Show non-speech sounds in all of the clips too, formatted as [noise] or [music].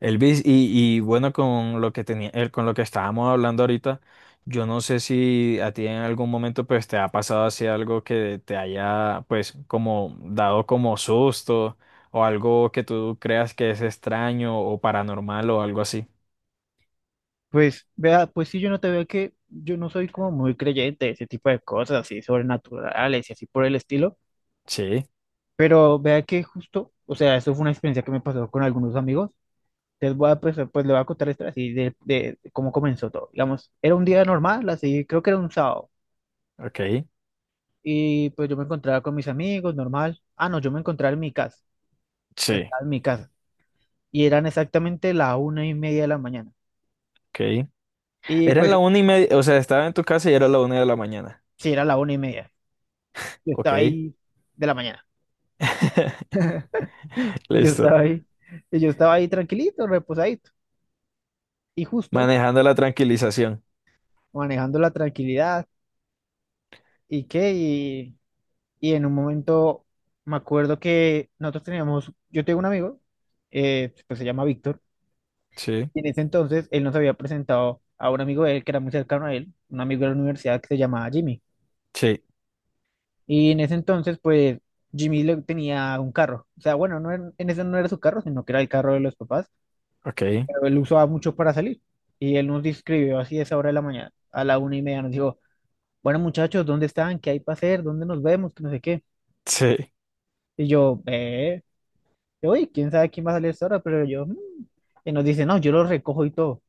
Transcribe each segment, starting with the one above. Elvis, y bueno, con lo que tenía, con lo que estábamos hablando ahorita, yo no sé si a ti en algún momento pues te ha pasado así algo que te haya pues como dado como susto o algo que tú creas que es extraño o paranormal o algo así. Pues, vea, pues sí, yo no te veo que yo no soy como muy creyente de ese tipo de cosas así sobrenaturales y así por el estilo, Sí, pero vea que justo, o sea, eso fue una experiencia que me pasó con algunos amigos. Les voy a, pues, pues le voy a contar esto así de cómo comenzó todo. Digamos, era un día normal, así, creo que era un sábado, ok, y pues yo me encontraba con mis amigos, normal. Ah, no, yo me encontraba en mi casa, sí, estaba en mi casa, y eran exactamente la 1:30 de la mañana. ok. Y Era la pues, 1:30, o sea, estaba en tu casa y era la una de la mañana. sí, era la 1:30, yo Ok, estaba ahí de la mañana. [laughs] Y yo listo. estaba ahí, y yo estaba ahí tranquilito, reposadito, y justo Manejando la tranquilización. manejando la tranquilidad, y qué, y, y en un momento me acuerdo que nosotros teníamos, yo tengo un amigo, pues se llama Víctor, Sí, y en ese entonces él nos había presentado a un amigo de él que era muy cercano a él, un amigo de la universidad que se llamaba Jimmy, sí, y en ese entonces pues Jimmy le tenía un carro, o sea, bueno, en ese no era su carro, sino que era el carro de los papás, ok, pero él usaba muchos para salir. Y él nos escribió así a esa hora de la mañana, a la 1:30, nos dijo, bueno muchachos, ¿dónde están? ¿Qué hay para hacer? ¿Dónde nos vemos? Que no sé qué. sí. Y oye, quién sabe quién va a salir a esta hora, pero yo, "Mm". Y nos dice, no, yo lo recojo y todo.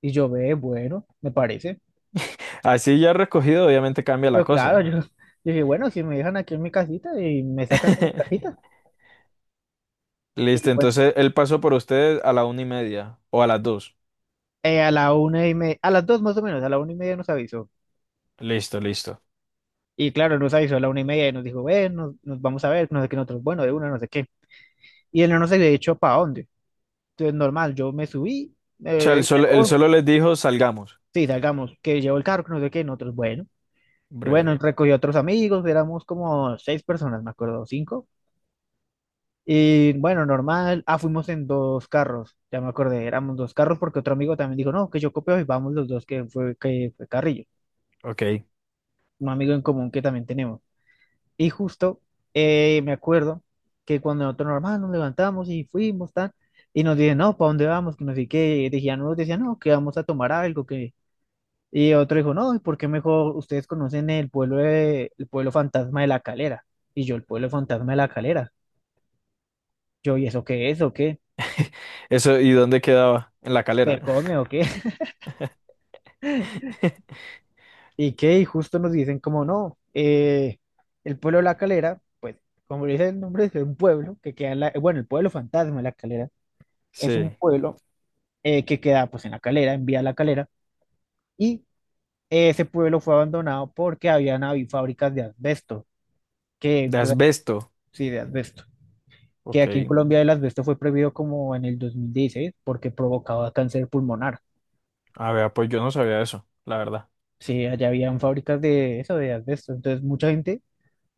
Y yo, ve, bueno, me parece. Así ya recogido, obviamente cambia la Yo, claro, [laughs] cosa. yo dije, bueno, si me dejan aquí en mi casita y me sacan de mi [laughs] casita. Y Listo, bueno, entonces él pasó por ustedes a la 1:30 o a las dos. A la 1:30, a las 2:00 más o menos, a la 1:30 nos avisó. Listo, listo. Y claro, nos avisó a la 1:30 y nos dijo, ve, nos vamos a ver, no sé qué, nosotros, bueno, de una, no sé qué. Y él no nos había dicho para dónde. Entonces, normal, yo me subí, O sea, él solo, él llegó, solo les dijo salgamos. sí, salgamos, que llevó el carro, que no sé qué, nosotros, bueno. Y Breve. bueno, recogió a otros amigos, éramos como seis personas, me acuerdo, cinco. Y bueno, normal, ah, fuimos en dos carros, ya me acordé, éramos dos carros porque otro amigo también dijo, no, que yo copio y vamos los dos, que fue Carrillo, Ok. un amigo en común que también tenemos. Y justo me acuerdo que cuando nosotros normal nos levantamos y fuimos, tan, y nos dicen, no, ¿para dónde vamos? Que no sé qué. Y decían, unos decían, no, que vamos a tomar algo. Que Y otro dijo, no, ¿y por qué mejor ustedes conocen el pueblo, el pueblo fantasma de la Calera? Y yo, el pueblo fantasma de la Calera. Yo, ¿y eso qué es o qué? [laughs] Eso, ¿y dónde quedaba? En la calera. ¿Se come o qué? [laughs] [laughs] ¿Y qué? Y justo nos dicen, como no, el pueblo de la Calera, pues, como dice el nombre, es un pueblo que queda en la, bueno, el pueblo fantasma de la Calera. Es un Sí. pueblo que queda pues en la Calera, en Vía la Calera, y ese pueblo fue abandonado porque habían habido fábricas de asbesto, que De pues asbesto. sí, de asbesto, que aquí en Ok. Colombia el asbesto fue prohibido como en el 2016 porque provocaba cáncer pulmonar. A ver, pues yo no sabía eso, la verdad. Sí, allá habían fábricas de eso, de asbesto. Entonces mucha gente,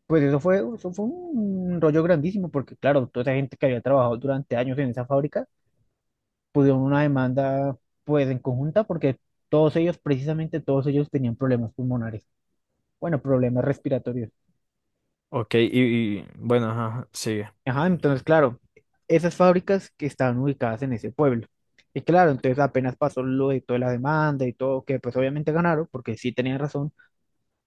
pues eso fue un rollo grandísimo porque claro, toda esa gente que había trabajado durante años en esa fábrica, pusieron una demanda pues en conjunta, porque todos ellos, precisamente todos ellos tenían problemas pulmonares. Bueno, problemas respiratorios. Ok, y bueno, ajá, ajá, sigue. Ajá, entonces, claro, esas fábricas que estaban ubicadas en ese pueblo. Y claro, entonces apenas pasó lo de toda la demanda y todo, que pues obviamente ganaron, porque sí tenían razón,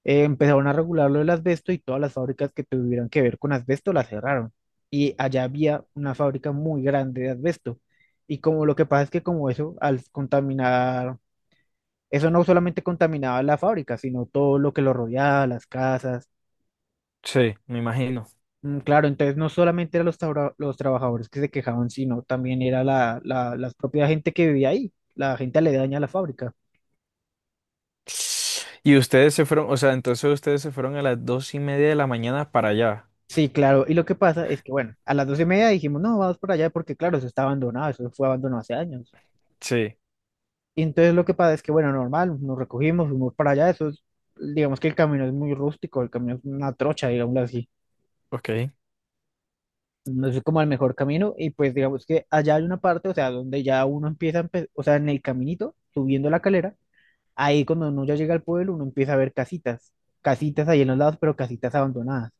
empezaron a regular lo del asbesto, y todas las fábricas que tuvieran que ver con asbesto las cerraron. Y allá había una fábrica muy grande de asbesto. Y como lo que pasa es que como eso, al contaminar, eso no solamente contaminaba la fábrica, sino todo lo que lo rodeaba, las casas. Sí, me imagino. Claro, entonces no solamente eran los, los trabajadores que se quejaban, sino también era la propia gente que vivía ahí, la gente aledaña a la fábrica. Y ustedes se fueron, o sea, entonces ustedes se fueron a las 2:30 de la mañana para allá. Sí, claro, y lo que pasa es que, bueno, a las 12:30 dijimos, no, vamos por allá porque, claro, eso está abandonado, eso fue abandonado hace años. Sí. Y entonces lo que pasa es que, bueno, normal, nos recogimos, fuimos para allá, eso es, digamos que el camino es muy rústico, el camino es una trocha, digámoslo así, Ok. no es como el mejor camino, y pues digamos que allá hay una parte, o sea, donde ya uno empieza, o sea, en el caminito, subiendo la Calera. Ahí cuando uno ya llega al pueblo, uno empieza a ver casitas, casitas ahí en los lados, pero casitas abandonadas.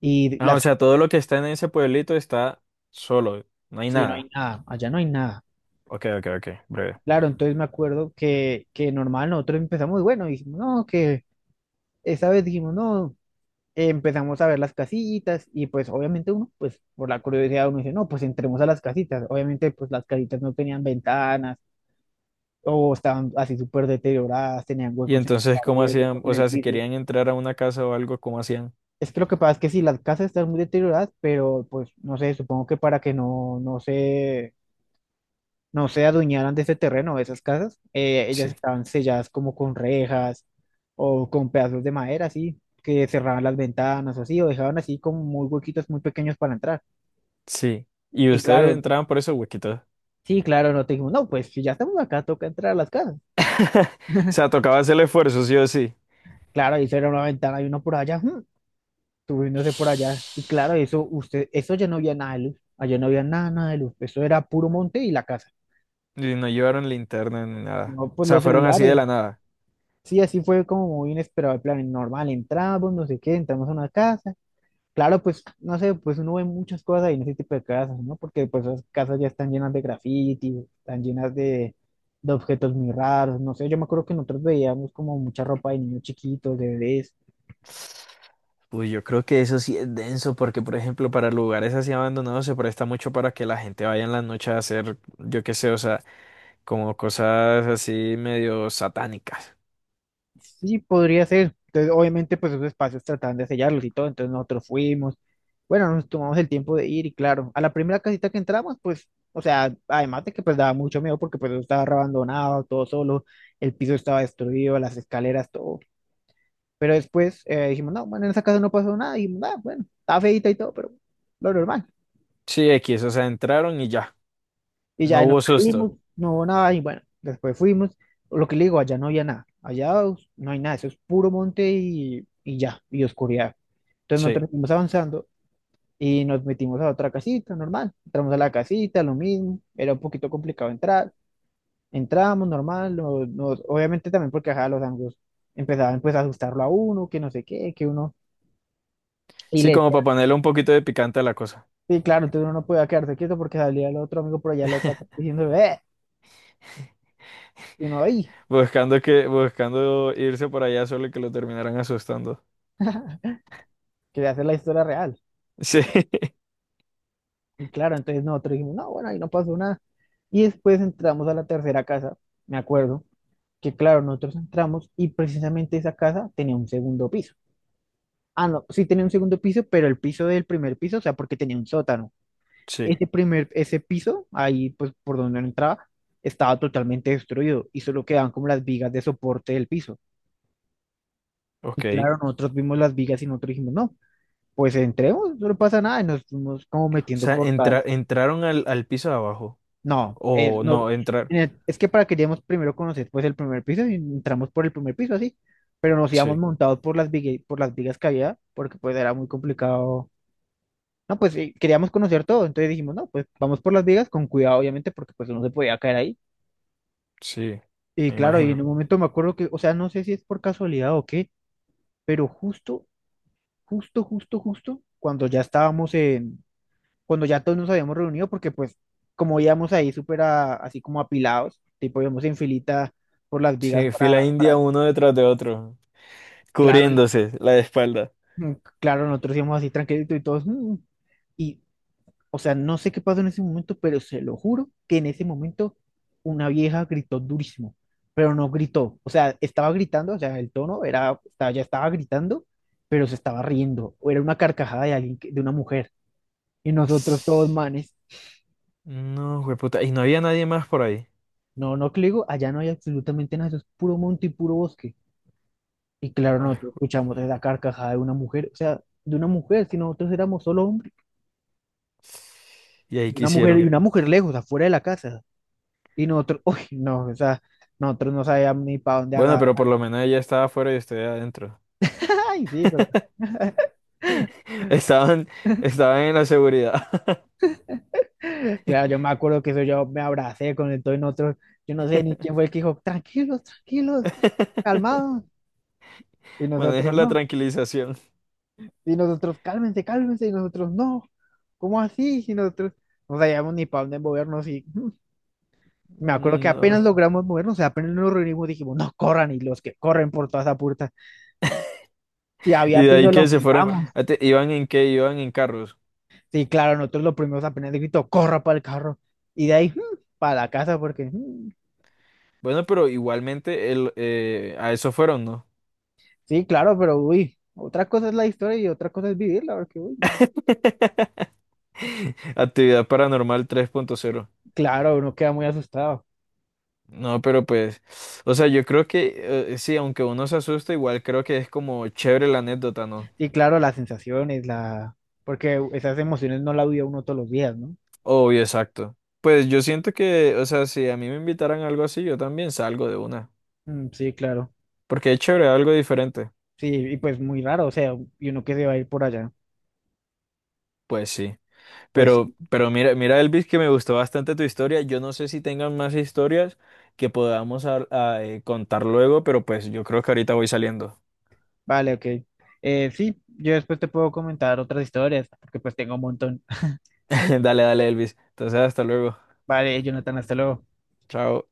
Y Ah, o las, sea, todo lo que está en ese pueblito está solo, no hay sí, no hay nada. nada, allá no hay nada. Ok, ok, ok, breve. Claro, entonces me acuerdo que normal nosotros empezamos, y bueno, dijimos, no, que esa vez dijimos, no, empezamos a ver las casitas, y pues obviamente uno, pues por la curiosidad uno dice, no, pues entremos a las casitas. Obviamente pues las casitas no tenían ventanas o estaban así súper deterioradas, tenían Y huecos en entonces, las ¿cómo paredes, hacían? huecos en O el sea, si piso. querían entrar a una casa o algo, ¿cómo hacían? Es que lo que pasa es que si las casas están muy deterioradas, pero pues no sé, supongo que para que no, no se, no se adueñaran de ese terreno, de esas casas, ellas Sí, estaban selladas como con rejas o con pedazos de madera, así, que cerraban las ventanas o así, o dejaban así como muy huequitos muy pequeños para entrar. sí. Y Y ustedes claro, entraban por esos huequitos. O sí, claro, no te dijimos, no, pues si ya estamos acá, toca entrar a las casas. sea, tocaba hacer el esfuerzo, sí o sí. Claro, y era una ventana y uno por allá, subiéndose por allá. Y claro, eso, usted, eso ya no había nada de luz. Allá no había nada, nada de luz. Eso era puro monte y la casa. Y no llevaron linterna ni nada. No, O pues sea, los fueron así de celulares. la nada. Sí, así fue como muy inesperado el plan. Normal, entramos, no sé qué, entramos a una casa. Claro, pues, no sé, pues uno ve muchas cosas ahí en ese tipo de casas, ¿no? Porque pues esas casas ya están llenas de graffiti, están llenas de objetos muy raros, no sé. Yo me acuerdo que nosotros veíamos como mucha ropa de niños chiquitos, de bebés. Uy, yo creo que eso sí es denso, porque por ejemplo, para lugares así abandonados se presta mucho para que la gente vaya en la noche a hacer, yo qué sé, o sea, como cosas así medio satánicas. Sí, podría ser. Entonces, obviamente, pues esos espacios trataban de sellarlos y todo. Entonces nosotros fuimos. Bueno, nos tomamos el tiempo de ir y claro, a la primera casita que entramos, pues, o sea, además de que pues daba mucho miedo porque pues eso estaba abandonado, todo solo, el piso estaba destruido, las escaleras, todo. Pero después dijimos, no, bueno, en esa casa no pasó nada. Y dijimos, "Ah, bueno, estaba feita y todo, pero lo normal". Sí, X, o sea, entraron y ya, Y no ya y nos hubo susto. salimos, no hubo nada, y bueno, después fuimos. Lo que le digo, allá no había nada, no hay nada, eso es puro monte y ya, y oscuridad. Entonces Sí, nosotros fuimos avanzando y nos metimos a otra casita, normal. Entramos a la casita, lo mismo, era un poquito complicado entrar. Entramos, normal, obviamente también porque ajá, los anglos empezaban pues a asustarlo a uno, que no sé qué, que uno... Y sí, le como decía, para ponerle un poquito de picante a la cosa, sí, claro, entonces uno no podía quedarse quieto porque salía el otro amigo por allá loco atrás diciendo, y uno ahí, buscando irse por allá solo que lo terminaran asustando. quería hacer la historia real. Sí, Y claro, entonces nosotros dijimos, no, bueno, ahí no pasó nada. Y después entramos a la tercera casa, me acuerdo, que claro, nosotros entramos y precisamente esa casa tenía un segundo piso. Ah, no, sí tenía un segundo piso, pero el piso del primer piso, o sea, porque tenía un sótano. [laughs] sí, Ese primer, ese piso, ahí pues por donde uno entraba, estaba totalmente destruido y solo quedaban como las vigas de soporte del piso. Y ok. claro, nosotros vimos las vigas y nosotros dijimos, no, pues entremos, no pasa nada. Y nos fuimos como O metiendo sea, por las, entraron al piso de abajo, no, o no, entrar. Es que para queríamos primero conocer pues el primer piso y entramos por el primer piso así, pero nos íbamos Sí, montados por las vigas que había, porque pues era muy complicado. No, pues queríamos conocer todo, entonces dijimos, no, pues vamos por las vigas con cuidado, obviamente porque pues uno se podía caer ahí. sí, Y me claro, y en un imagino. bueno, momento me acuerdo que, o sea, no sé si es por casualidad o qué, pero justo, justo, justo, justo, cuando ya estábamos en, cuando ya todos nos habíamos reunido, porque pues como íbamos ahí súper así como apilados, tipo íbamos en filita por las vigas Sí, fila india para- uno detrás de otro, claro, y, cubriéndose la espalda. mm, claro, nosotros íbamos así tranquilitos y todos, y o sea, no sé qué pasó en ese momento, pero se lo juro que en ese momento una vieja gritó durísimo, pero no gritó, o sea, estaba gritando, o sea, el tono era, ya estaba gritando, pero se estaba riendo, o era una carcajada de alguien, de una mujer, y nosotros todos manes. No, puta, y no había nadie más por ahí. No, no, que le digo, allá no hay absolutamente nada, eso es puro monte y puro bosque. Y claro, Ay. nosotros escuchamos la carcajada de una mujer, o sea, de una mujer, si nosotros éramos solo hombres, Y ahí, de ¿qué una mujer y hicieron? una mujer lejos, afuera de la casa. Y nosotros, [laughs] uy, no, o sea, nosotros no sabíamos ni para dónde Bueno, agarrar. pero por lo menos ella estaba afuera y usted adentro. [laughs] Ay, sí, pero [laughs] [laughs] Estaban, estaban en la seguridad. claro, yo me acuerdo que eso yo me abracé con el todo y nosotros, yo no sé ni quién [laughs] fue el que dijo, tranquilos, tranquilos, calmados. Y Manejan nosotros, la no, tranquilización. y nosotros, cálmense, cálmense, y nosotros, no, ¿cómo así? Y nosotros no sabíamos ni para dónde movernos y. [laughs] Me acuerdo que apenas No. logramos movernos, o sea, apenas nos reunimos, dijimos, no corran, y los que corren por toda esa puerta. Si había Y de piso, ahí lo que bueno, se fueron. quitamos. Ah, ¿iban en qué? Iban en carros. Sí, claro, nosotros los primeros apenas de grito, corra para el carro. Y de ahí, para la casa, porque Bueno, pero igualmente a eso fueron, ¿no? sí, claro, pero uy, otra cosa es la historia y otra cosa es vivirla, porque uy, [laughs] Actividad paranormal 3.0. claro, uno queda muy asustado. No, pero pues, o sea, yo creo que sí, aunque uno se asusta, igual creo que es como chévere la anécdota, ¿no? Sí, claro, las sensaciones, la... porque esas emociones no las vive uno todos los días, ¿no? Obvio, exacto. Pues yo siento que, o sea, si a mí me invitaran a algo así, yo también salgo de una. Mm, sí, claro. Porque es chévere, algo diferente. Sí, y pues muy raro, o sea, y uno que se va a ir por allá. Pues sí. Pues Pero mira, mira, Elvis, que me gustó bastante tu historia. Yo no sé si tengan más historias que podamos a contar luego, pero pues yo creo que ahorita voy saliendo. vale, ok. Sí, yo después te puedo comentar otras historias, porque pues tengo un montón. [laughs] Dale, dale, Elvis. Entonces, hasta luego. Vale, Jonathan, hasta luego. Chao.